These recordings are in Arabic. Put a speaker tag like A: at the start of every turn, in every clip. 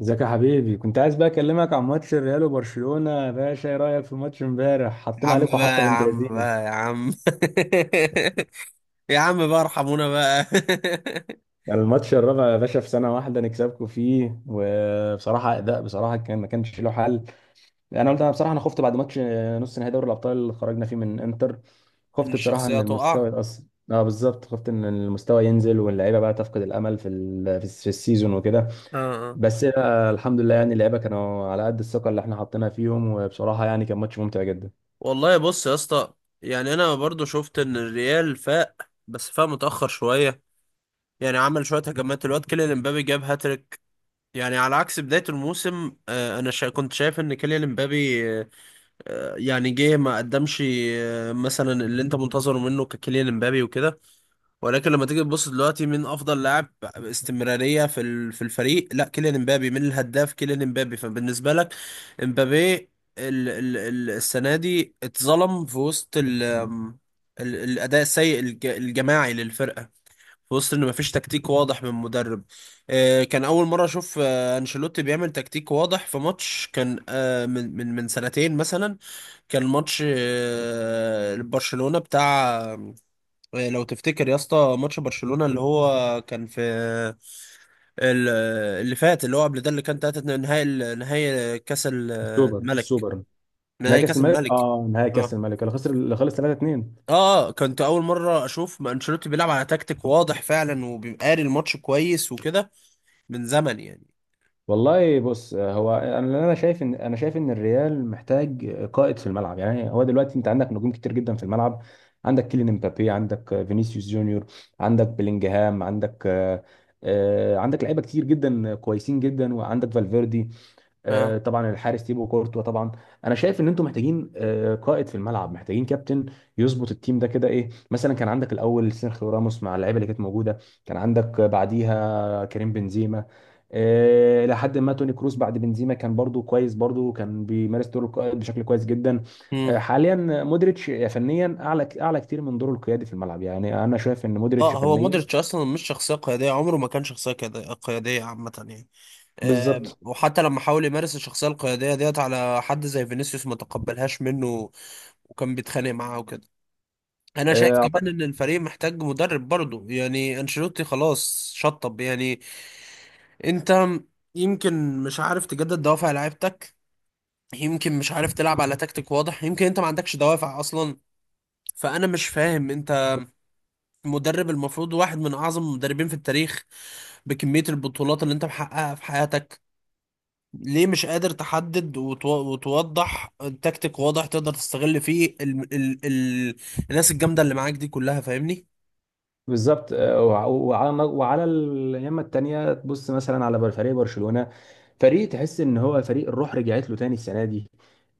A: ازيك يا حبيبي؟ كنت عايز بقى اكلمك عن ماتش الريال وبرشلونة يا باشا. ايه رأيك في ماتش امبارح؟
B: يا
A: حطينا
B: عم
A: عليكم
B: بقى،
A: حطة
B: يا
A: بنت
B: عم
A: لذينة.
B: بقى، يا عم. يا عم بقى، ارحمونا بقى.
A: يعني الماتش الرابع يا باشا في سنة واحدة نكسبكم فيه، وبصراحة أداء بصراحة كان ما كانش له حل. أنا قلت بصراحة أنا خفت بعد ماتش نص نهائي دوري الأبطال اللي خرجنا فيه من إنتر.
B: ان
A: خفت بصراحة إن
B: الشخصية تقع.
A: المستوى يتأثر. أه بالظبط، خفت إن المستوى ينزل واللعيبة بقى تفقد الأمل في السيزون وكده.
B: اه، اه.
A: بس الحمد لله، يعني اللعيبة كانوا على قد الثقة اللي إحنا حطيناها فيهم، وبصراحة يعني كان ماتش ممتع جدا.
B: والله بص يا اسطى، يعني انا برضو شفت ان الريال فاق، بس فاق متاخر شويه. يعني عمل شويه هجمات، الواد كيليان امبابي جاب هاتريك. يعني على عكس بدايه الموسم، انا كنت شايف ان كيليان امبابي، يعني جه ما قدمش مثلا اللي انت منتظره منه ككيليان امبابي وكده. ولكن لما تيجي تبص دلوقتي مين افضل لاعب استمراريه في في الفريق؟ لا، كيليان امبابي. مين الهداف؟ كيليان امبابي. فبالنسبه لك امبابي ال ال ال السنه دي اتظلم في وسط ال ال الاداء السيء الجماعي للفرقه، في وسط ان مفيش تكتيك واضح من مدرب. كان اول مره اشوف انشيلوتي بيعمل تكتيك واضح في ماتش، كان من سنتين مثلا. كان ماتش برشلونه بتاع، لو تفتكر يا اسطى ماتش برشلونة اللي هو كان في ال- اللي فات، اللي هو قبل ده، اللي كان 3 نهائي نهائي كاس
A: السوبر
B: الملك.
A: السوبر نهائي
B: نهائي
A: كاس
B: كاس
A: الملك،
B: الملك،
A: اه نهائي
B: اه.
A: كاس الملك اللي خسر اللي خلص 3 2.
B: اه، كنت اول مره اشوف ما انشيلوتي بيلعب على تكتيك واضح فعلا، وبيبقى قاري الماتش كويس وكده، من زمن يعني.
A: والله بص، هو انا اللي انا شايف ان انا شايف ان الريال محتاج قائد في الملعب. يعني هو دلوقتي انت عندك نجوم كتير جدا في الملعب. عندك كيليان امبابي، عندك فينيسيوس جونيور، عندك بلينجهام، عندك آه، آه، عندك لعيبه كتير جدا كويسين جدا، وعندك فالفيردي،
B: اه.
A: طبعا الحارس تيبو كورتوا طبعا. انا شايف ان انتم محتاجين قائد في الملعب، محتاجين كابتن يظبط التيم ده كده. ايه مثلا كان عندك الاول سيرخيو راموس مع اللعيبه اللي كانت موجوده، كان عندك بعديها كريم بنزيما، لحد ما توني كروس بعد بنزيما كان برضو كويس، برضو كان بيمارس دور القائد بشكل كويس جدا.
B: امم.
A: حاليا مودريتش فنيا اعلى، اعلى كتير من دوره القيادي في الملعب. يعني انا شايف ان مودريتش
B: اه، هو
A: فنيا
B: مودريتش اصلا مش شخصيه قياديه، عمره ما كان شخصيه قياديه قيادية عامه يعني. آه،
A: بالظبط.
B: وحتى لما حاول يمارس الشخصيه القياديه ديت على حد زي فينيسيوس، ما تقبلهاش منه، وكان بيتخانق معاه وكده. انا شايف
A: آه،
B: كمان ان الفريق محتاج مدرب برضه. يعني انشيلوتي خلاص شطب يعني. انت يمكن مش عارف تجدد دوافع لعيبتك، يمكن مش عارف تلعب على تكتيك واضح، يمكن انت ما عندكش دوافع اصلا. فانا مش فاهم، انت مدرب المفروض واحد من اعظم المدربين في التاريخ، بكمية البطولات اللي انت محققها في حياتك، ليه مش قادر تحدد وتوضح تكتيك واضح تقدر تستغل فيه ال ال ال الناس الجامدة اللي معاك دي كلها؟ فاهمني.
A: وعلى اليمة التانية تبص مثلا على فريق برشلونة، فريق تحس ان هو فريق الروح رجعت له تاني السنة دي.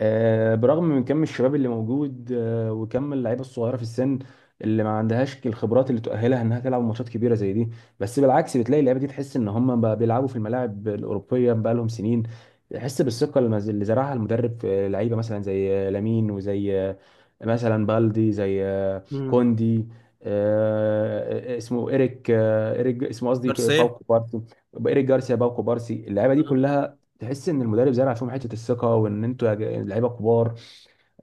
A: برغم من كم الشباب اللي موجود، وكم اللعيبة الصغيرة في السن اللي ما عندهاش الخبرات اللي تؤهلها انها تلعب ماتشات كبيرة زي دي. بس بالعكس بتلاقي اللعيبة دي تحس ان هم بقى بيلعبوا في الملاعب الأوروبية بقى لهم سنين. تحس بالثقة اللي زرعها المدرب في لعيبة مثلا زي لامين، وزي مثلا بالدي، زي كوندي، اسمه إيريك، آه، إيريك اسمه قصدي
B: جارسيا.
A: باوكو بارسي. إيريك جارسيا باوكو بارسي. اللعيبة دي
B: آه.
A: كلها تحس ان المدرب زرع فيهم حته الثقه، وان انتوا لعيبه كبار.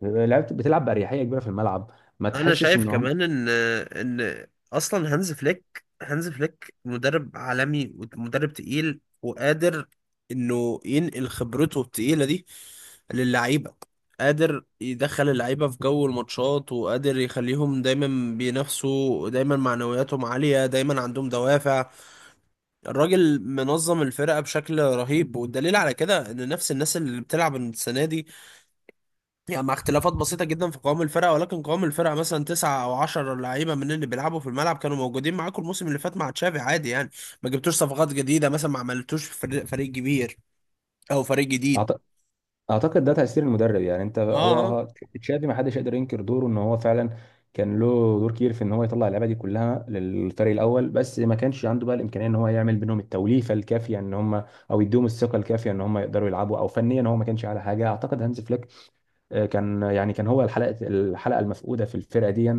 A: لعيبه بتلعب باريحيه كبيره في الملعب، ما
B: انا
A: تحسش
B: شايف
A: ان هم.
B: كمان ان اصلا هانز فليك مدرب عالمي ومدرب تقيل، وقادر انه ينقل خبرته التقيله دي للعيبه، قادر يدخل اللعيبه في جو الماتشات، وقادر يخليهم دايما بينافسوا، دايما معنوياتهم عاليه، دايما عندهم دوافع. الراجل منظم الفرقه بشكل رهيب، والدليل على كده ان نفس الناس اللي بتلعب السنه دي، يعني مع اختلافات بسيطة جدا في قوام الفرقة، ولكن قوام الفرقة مثلا 9 أو 10 لعيبة من اللي بيلعبوا في الملعب كانوا موجودين معاكم الموسم اللي فات مع تشافي عادي يعني. ما جبتوش صفقات جديدة، مثلا ما عملتوش فريق كبير أو فريق جديد.
A: اعتقد ده تأثير المدرب. يعني انت
B: اه. آه.
A: هو تشافي ما حدش يقدر ينكر دوره، ان هو فعلا كان له دور كبير في ان هو يطلع اللعيبه دي كلها للفريق الاول، بس ما كانش عنده بقى الامكانيه ان هو يعمل بينهم التوليفه الكافيه ان هم، او يديهم الثقه الكافيه ان هم يقدروا يلعبوا، او فنيا هو ما كانش على حاجه. اعتقد هانز فليك كان هو الحلقه المفقوده في الفرقه دي.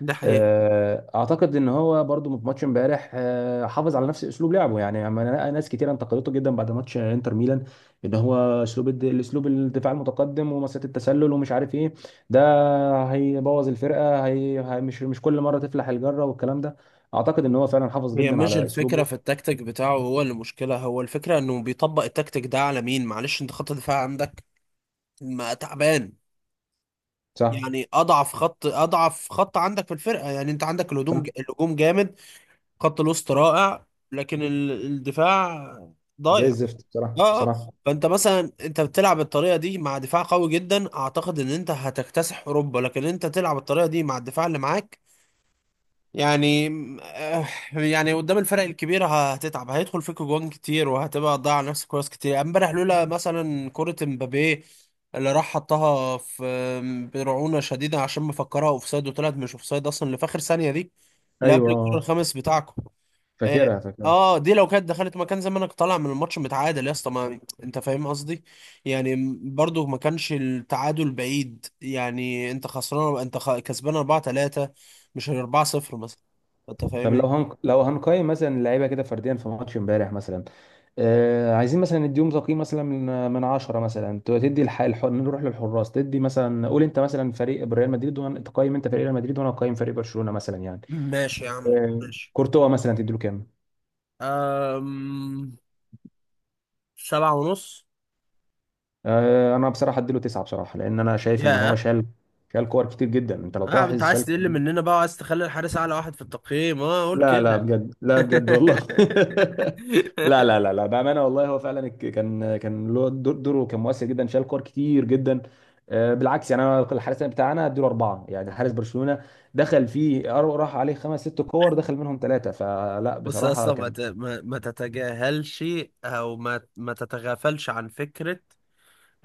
B: ده حقيقي.
A: اعتقد ان هو برضو في ماتش امبارح حافظ على نفس اسلوب لعبه. يعني ناس كتير انتقدته جدا بعد ماتش انتر ميلان ان هو الاسلوب الدفاع المتقدم ومسات التسلل ومش عارف ايه ده هيبوظ الفرقه. مش كل مره تفلح الجره والكلام ده. اعتقد ان هو فعلا حافظ
B: هي
A: جدا
B: مش
A: على
B: الفكرة
A: اسلوبه.
B: في التكتيك بتاعه هو اللي مشكلة، هو الفكرة إنه بيطبق التكتيك ده على مين. معلش، أنت خط الدفاع عندك ما تعبان،
A: صح.
B: يعني أضعف خط عندك في الفرقة. يعني أنت عندك الهجوم،
A: صح.
B: الهجوم جامد، خط الوسط رائع، لكن الدفاع
A: زي
B: ضايع.
A: الزفت، بصراحه
B: اه، اه.
A: بصراحه
B: فانت مثلا انت بتلعب الطريقه دي مع دفاع قوي جدا، اعتقد ان انت هتكتسح اوروبا. لكن انت تلعب الطريقه دي مع الدفاع اللي معاك، يعني آه، يعني قدام الفرق الكبيره هتتعب، هيدخل فيك جوان كتير، وهتبقى تضيع نفسك كويس كتير. امبارح لولا مثلا كره امبابيه اللي راح حطها في برعونه شديده عشان مفكرها اوفسايد وطلعت مش اوفسايد اصلا، اللي في اخر ثانيه دي، اللي قبل
A: ايوه،
B: الكره الخامس بتاعكم. اه.
A: فاكرها.
B: آه، دي لو كانت دخلت مكان، زمانك طالع من الماتش متعادل يا اسطى. ما انت فاهم قصدي، يعني برضو ما كانش التعادل بعيد. يعني انت خسران، انت كسبان 4-3، مش 4-0 مثلا. انت
A: طب
B: فاهمني.
A: لو هنقيم مثلا اللعيبه كده فرديا في ماتش امبارح مثلا. عايزين مثلا نديهم تقييم مثلا من 10 مثلا. نروح للحراس. تدي مثلا، قول انت مثلا فريق ريال مدريد، وانا تقيم انت فريق ريال مدريد وانا اقيم فريق برشلونه مثلا يعني.
B: ماشي يا عم،
A: آه...
B: ماشي.
A: كورتوا مثلا تدي له كام؟
B: أم... 7.5.
A: انا بصراحه ادي له 9 بصراحه، لان انا شايف ان هو
B: يا.
A: شال، شال كور كتير جدا. انت لو
B: آه، انت
A: تلاحظ
B: عايز
A: شال.
B: تقل مننا بقى، وعايز تخلي الحارس اعلى واحد في التقييم؟ اه قول
A: لا لا
B: كده.
A: بجد، لا بجد والله. لا لا لا لا، بأمانة والله هو فعلا كان له دور، دوره كان مؤثر جدا، شال كور كتير جدا. بالعكس يعني انا الحارس بتاعنا اديله اربعه، يعني حارس برشلونة دخل فيه راح عليه خمس ست كور دخل منهم ثلاثه، فلا
B: بص يا
A: بصراحة
B: اسطى، ما
A: كان.
B: ت- ما- ما تتجاهلش او ما تتغافلش عن فكره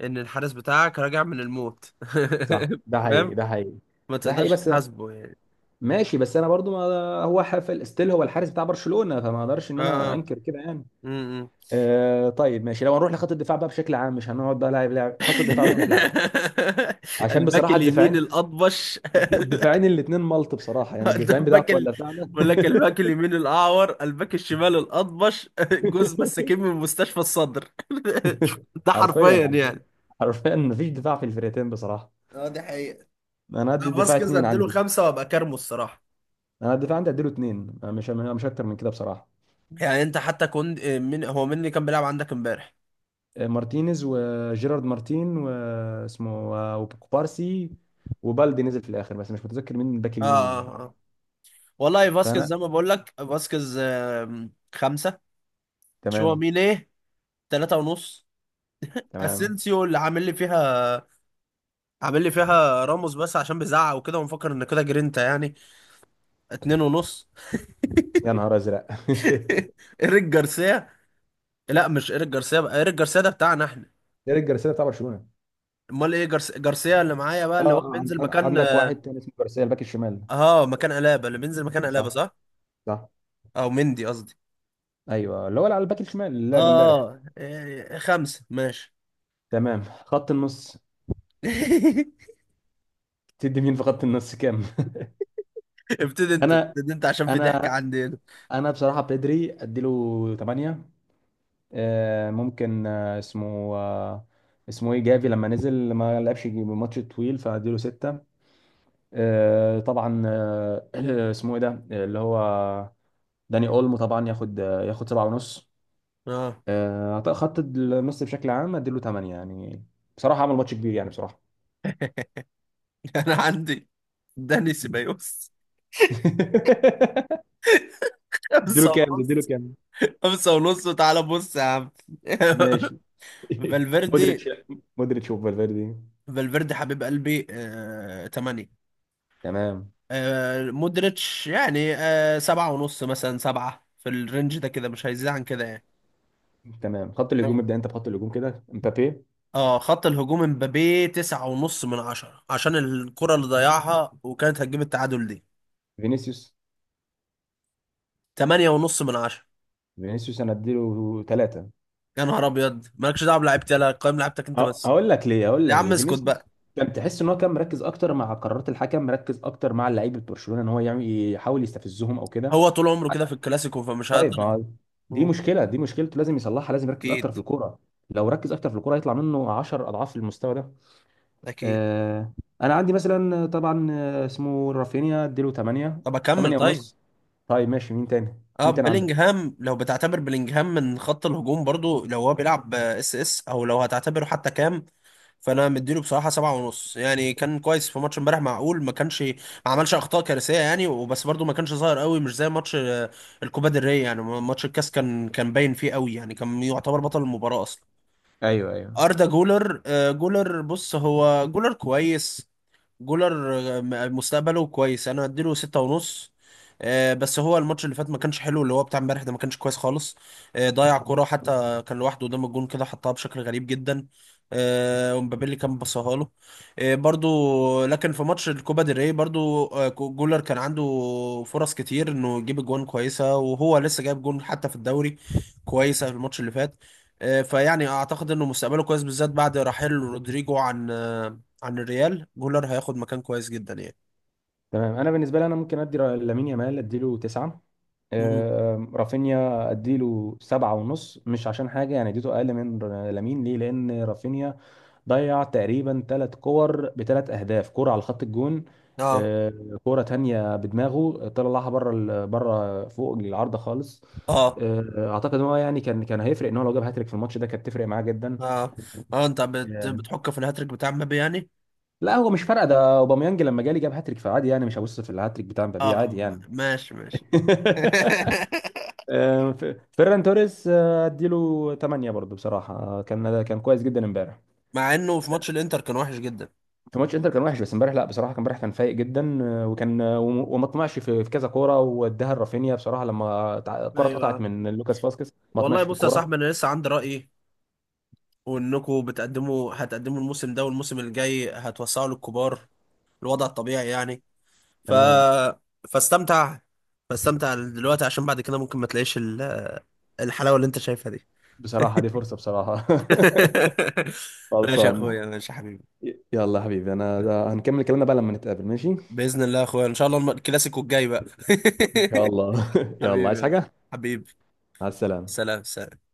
B: ان الحارس بتاعك راجع من الموت.
A: صح، ده حقيقي،
B: فاهم؟
A: ده حقيقي.
B: ما
A: ده حقيقي
B: تقدرش
A: بس،
B: تحاسبه يعني.
A: ماشي بس انا برضو ما، هو حفل استيل هو الحارس بتاع برشلونة فما اقدرش ان انا
B: اه.
A: انكر كده يعني.
B: امم.
A: آه طيب ماشي، لو هنروح لخط الدفاع بقى بشكل عام، مش هنقعد بقى لاعب لاعب، خط الدفاع بشكل عام عشان
B: الباك
A: بصراحه
B: اليمين
A: الدفاعين،
B: الاطبش.
A: الدفاعين الاثنين ملط بصراحه. يعني
B: ده
A: الدفاعين
B: الباك
A: بتاعك ولا بتاعنا؟
B: بقول لك الباك اليمين الاعور، الباك الشمال الاطبش، جوز مساكين من مستشفى الصدر. ده
A: حرفيا،
B: حرفيا
A: حرفيا،
B: يعني.
A: حرفيا مفيش دفاع في الفرقتين بصراحه.
B: اه، دي حقيقة.
A: انا ادي الدفاع
B: فاسكيز
A: اثنين
B: اديله
A: عندي.
B: خمسه وابقى كارمه الصراحه.
A: انا الدفاع عندي اديله اثنين، مش اكتر من كده بصراحه.
B: يعني انت حتى كنت، من هو مين اللي كان بيلعب عندك امبارح؟
A: مارتينيز وجيرارد مارتين واسمه وكوبارسي، وبالدي نزل في الاخر، بس مش متذكر مين الباك
B: اه،
A: اليمين.
B: اه، اه. والله فاسكيز
A: فانا
B: زي ما بقول لك، فاسكيز 5. شو
A: تمام.
B: مين ايه، 3.5.
A: تمام.
B: اسينسيو اللي عامل لي فيها، عامل لي فيها راموس بس عشان بيزعق وكده، ونفكر ان كده جرينتا يعني، 2.5.
A: يا نهار ازرق.
B: ايريك جارسيا. لا مش ايريك جارسيا بقى، ايريك جارسيا ده بتاعنا احنا.
A: ايريك جارسيا بتاع برشلونه.
B: امال ايه جارسيا اللي معايا بقى،
A: اه
B: اللي هو بينزل مكان.
A: عندك واحد تاني اسمه جارسيا، الباك الشمال.
B: اه، مكان الابا، اللي بينزل مكان الابا.
A: صح.
B: صح،
A: صح.
B: او مندي قصدي.
A: ايوه، اللي هو اللي على الباك الشمال اللي
B: اه،
A: لعب امبارح.
B: آه، إيه، 5 ماشي.
A: تمام، خط النص. تدي مين في خط النص كام؟
B: ابتدي انت،
A: انا،
B: ابتدي انت عشان في ضحك
A: انا،
B: عندي هنا.
A: انا بصراحه بيدري اديله 8. ممكن اسمه ايه، جافي، لما نزل ما لعبش ماتش طويل فاديله 6. طبعا اسمه ايه ده اللي هو داني اولمو، طبعا ياخد ياخد 7 ونص.
B: اه.
A: خط النص بشكل عام اديله 8 يعني، بصراحه عمل ماتش كبير يعني بصراحه.
B: انا عندي داني سيبايوس.
A: اديله
B: خمسة
A: كام ده، اديله
B: ونص
A: كام؟
B: وتعالى بص يا عم.
A: ماشي.
B: فالفيردي.
A: مودريتش، مودريتش وفالفيردي.
B: فالفيردي حبيب قلبي، 8.
A: تمام.
B: مودريتش يعني، 7.5 مثلا، 7 في الرينج ده كده، مش هيزيد عن كده يعني.
A: تمام، خط الهجوم. ابدا انت بخط الهجوم كده، مبابي.
B: اه، خط الهجوم، امبابي 9.5 من 10 عشان الكرة اللي ضيعها وكانت هتجيب التعادل دي.
A: فينيسيوس،
B: 8.5 من 10.
A: فينيسيوس انا اديله ثلاثة.
B: يا نهار ابيض، مالكش دعوه بلعيبتي، انا قيم لعيبتك انت بس.
A: هقول لك ليه، هقول
B: يا
A: لك
B: عم
A: ليه.
B: اسكت بقى.
A: فينيسيوس كان تحس ان هو كان مركز اكتر مع قرارات الحكم، مركز اكتر مع لعيبه برشلونه ان هو يعمل، يحاول يستفزهم او كده.
B: هو طول عمره كده في الكلاسيكو، فمش
A: طيب
B: هقدر.
A: ما دي مشكله، دي مشكلته لازم يصلحها، لازم يركز اكتر
B: اكيد.
A: في الكوره. لو ركز اكتر في الكوره هيطلع منه 10 اضعاف المستوى ده.
B: اكيد.
A: آه، انا عندي مثلا آه، طبعا آه، اسمه رافينيا اديله 8،
B: طب اكمل
A: 8
B: طيب.
A: ونص. طيب ماشي، مين تاني
B: اه،
A: مين تاني عندك؟
B: بيلينجهام، لو بتعتبر بيلينجهام من خط الهجوم برضو، لو هو بيلعب اس اس، او لو هتعتبره حتى، كام؟ فانا مديله بصراحه 7.5 يعني. كان كويس في ماتش امبارح، معقول، ما كانش ما عملش اخطاء كارثيه يعني وبس، برضو ما كانش ظاهر قوي، مش زي ماتش الكوبا ديل ري يعني، ماتش الكاس كان كان باين فيه قوي يعني، كان يعتبر بطل المباراه اصلا.
A: ايوه، ايوه.
B: اردا جولر، جولر بص هو جولر كويس، جولر مستقبله كويس، انا اديله 6.5. بس هو الماتش اللي فات ما كانش حلو، اللي هو بتاع امبارح ده ما كانش كويس خالص. ضيع كرة حتى كان لوحده قدام الجون كده، حطها بشكل غريب جدا. ومبابي كان بصاها له. برضو لكن في ماتش الكوبا ديل ري برضو، جولر كان عنده فرص كتير انه يجيب جوان كويسة، وهو لسه جايب جون حتى في الدوري كويسة في الماتش اللي فات. فيعني اعتقد انه مستقبله كويس بالذات بعد رحيل رودريجو عن، عن الريال. جولر هياخد مكان كويس جدا يعني.
A: تمام، انا بالنسبه لي انا ممكن ادي لامين يامال اديله 9.
B: مم.
A: رافينيا اديله سبعة ونص، مش عشان حاجه يعني اديته اقل من لامين. ليه؟ لان رافينيا ضيع تقريبا ثلاث كور بثلاث اهداف، كرة على خط الجون،
B: اه،
A: آه، كرة تانية بدماغه طلعها بره، فوق العارضة خالص.
B: اه.
A: آه، اعتقد ان هو يعني كان هيفرق ان هو لو جاب هاتريك في الماتش ده، كانت تفرق معاه جدا.
B: اه، اه، انت
A: آه،
B: بتحك في الهاتريك بتاع مبابي يعني؟
A: لا هو مش فارقه، ده اوباميانج لما جالي جاب هاتريك فعادي يعني، مش هبص في الهاتريك بتاع
B: اه،
A: مبابي عادي
B: آه،
A: يعني.
B: ماشي ماشي.
A: آه، ف- فيران توريس اديله 8 برضه بصراحة، كان كويس جدا امبارح.
B: مع انه في ماتش الانتر كان وحش جدا.
A: في ماتش انتر كان وحش، بس امبارح لا بصراحه، كان امبارح كان فايق جدا، وما طمعش في كذا كوره، واداها لرافينيا بصراحه لما الكره اتقطعت
B: ايوه.
A: من لوكاس فاسكيز ما طمعش
B: والله
A: في
B: بص يا
A: الكوره.
B: صاحبي، انا لسه عندي رأيي، وانكم بتقدموا، هتقدموا الموسم ده، والموسم الجاي هتوسعوا للكبار، الوضع الطبيعي يعني. ف،
A: تمام.
B: فاستمتع، فاستمتع دلوقتي عشان بعد كده ممكن ما تلاقيش الحلاوة اللي انت شايفها دي.
A: بصراحه دي فرصه بصراحه.
B: ماشي يا
A: خلصان.
B: اخويا، ماشي يا حبيبي.
A: يلا يا حبيبي، انا ده هنكمل كلامنا بقى لما نتقابل ماشي.
B: بإذن الله يا اخويا، ان شاء الله الكلاسيكو الجاي بقى.
A: ان شاء الله. يلا، عايز
B: حبيبي يا أسطى.
A: حاجه؟
B: حبيبي.
A: مع السلامه.
B: سلام، سلام.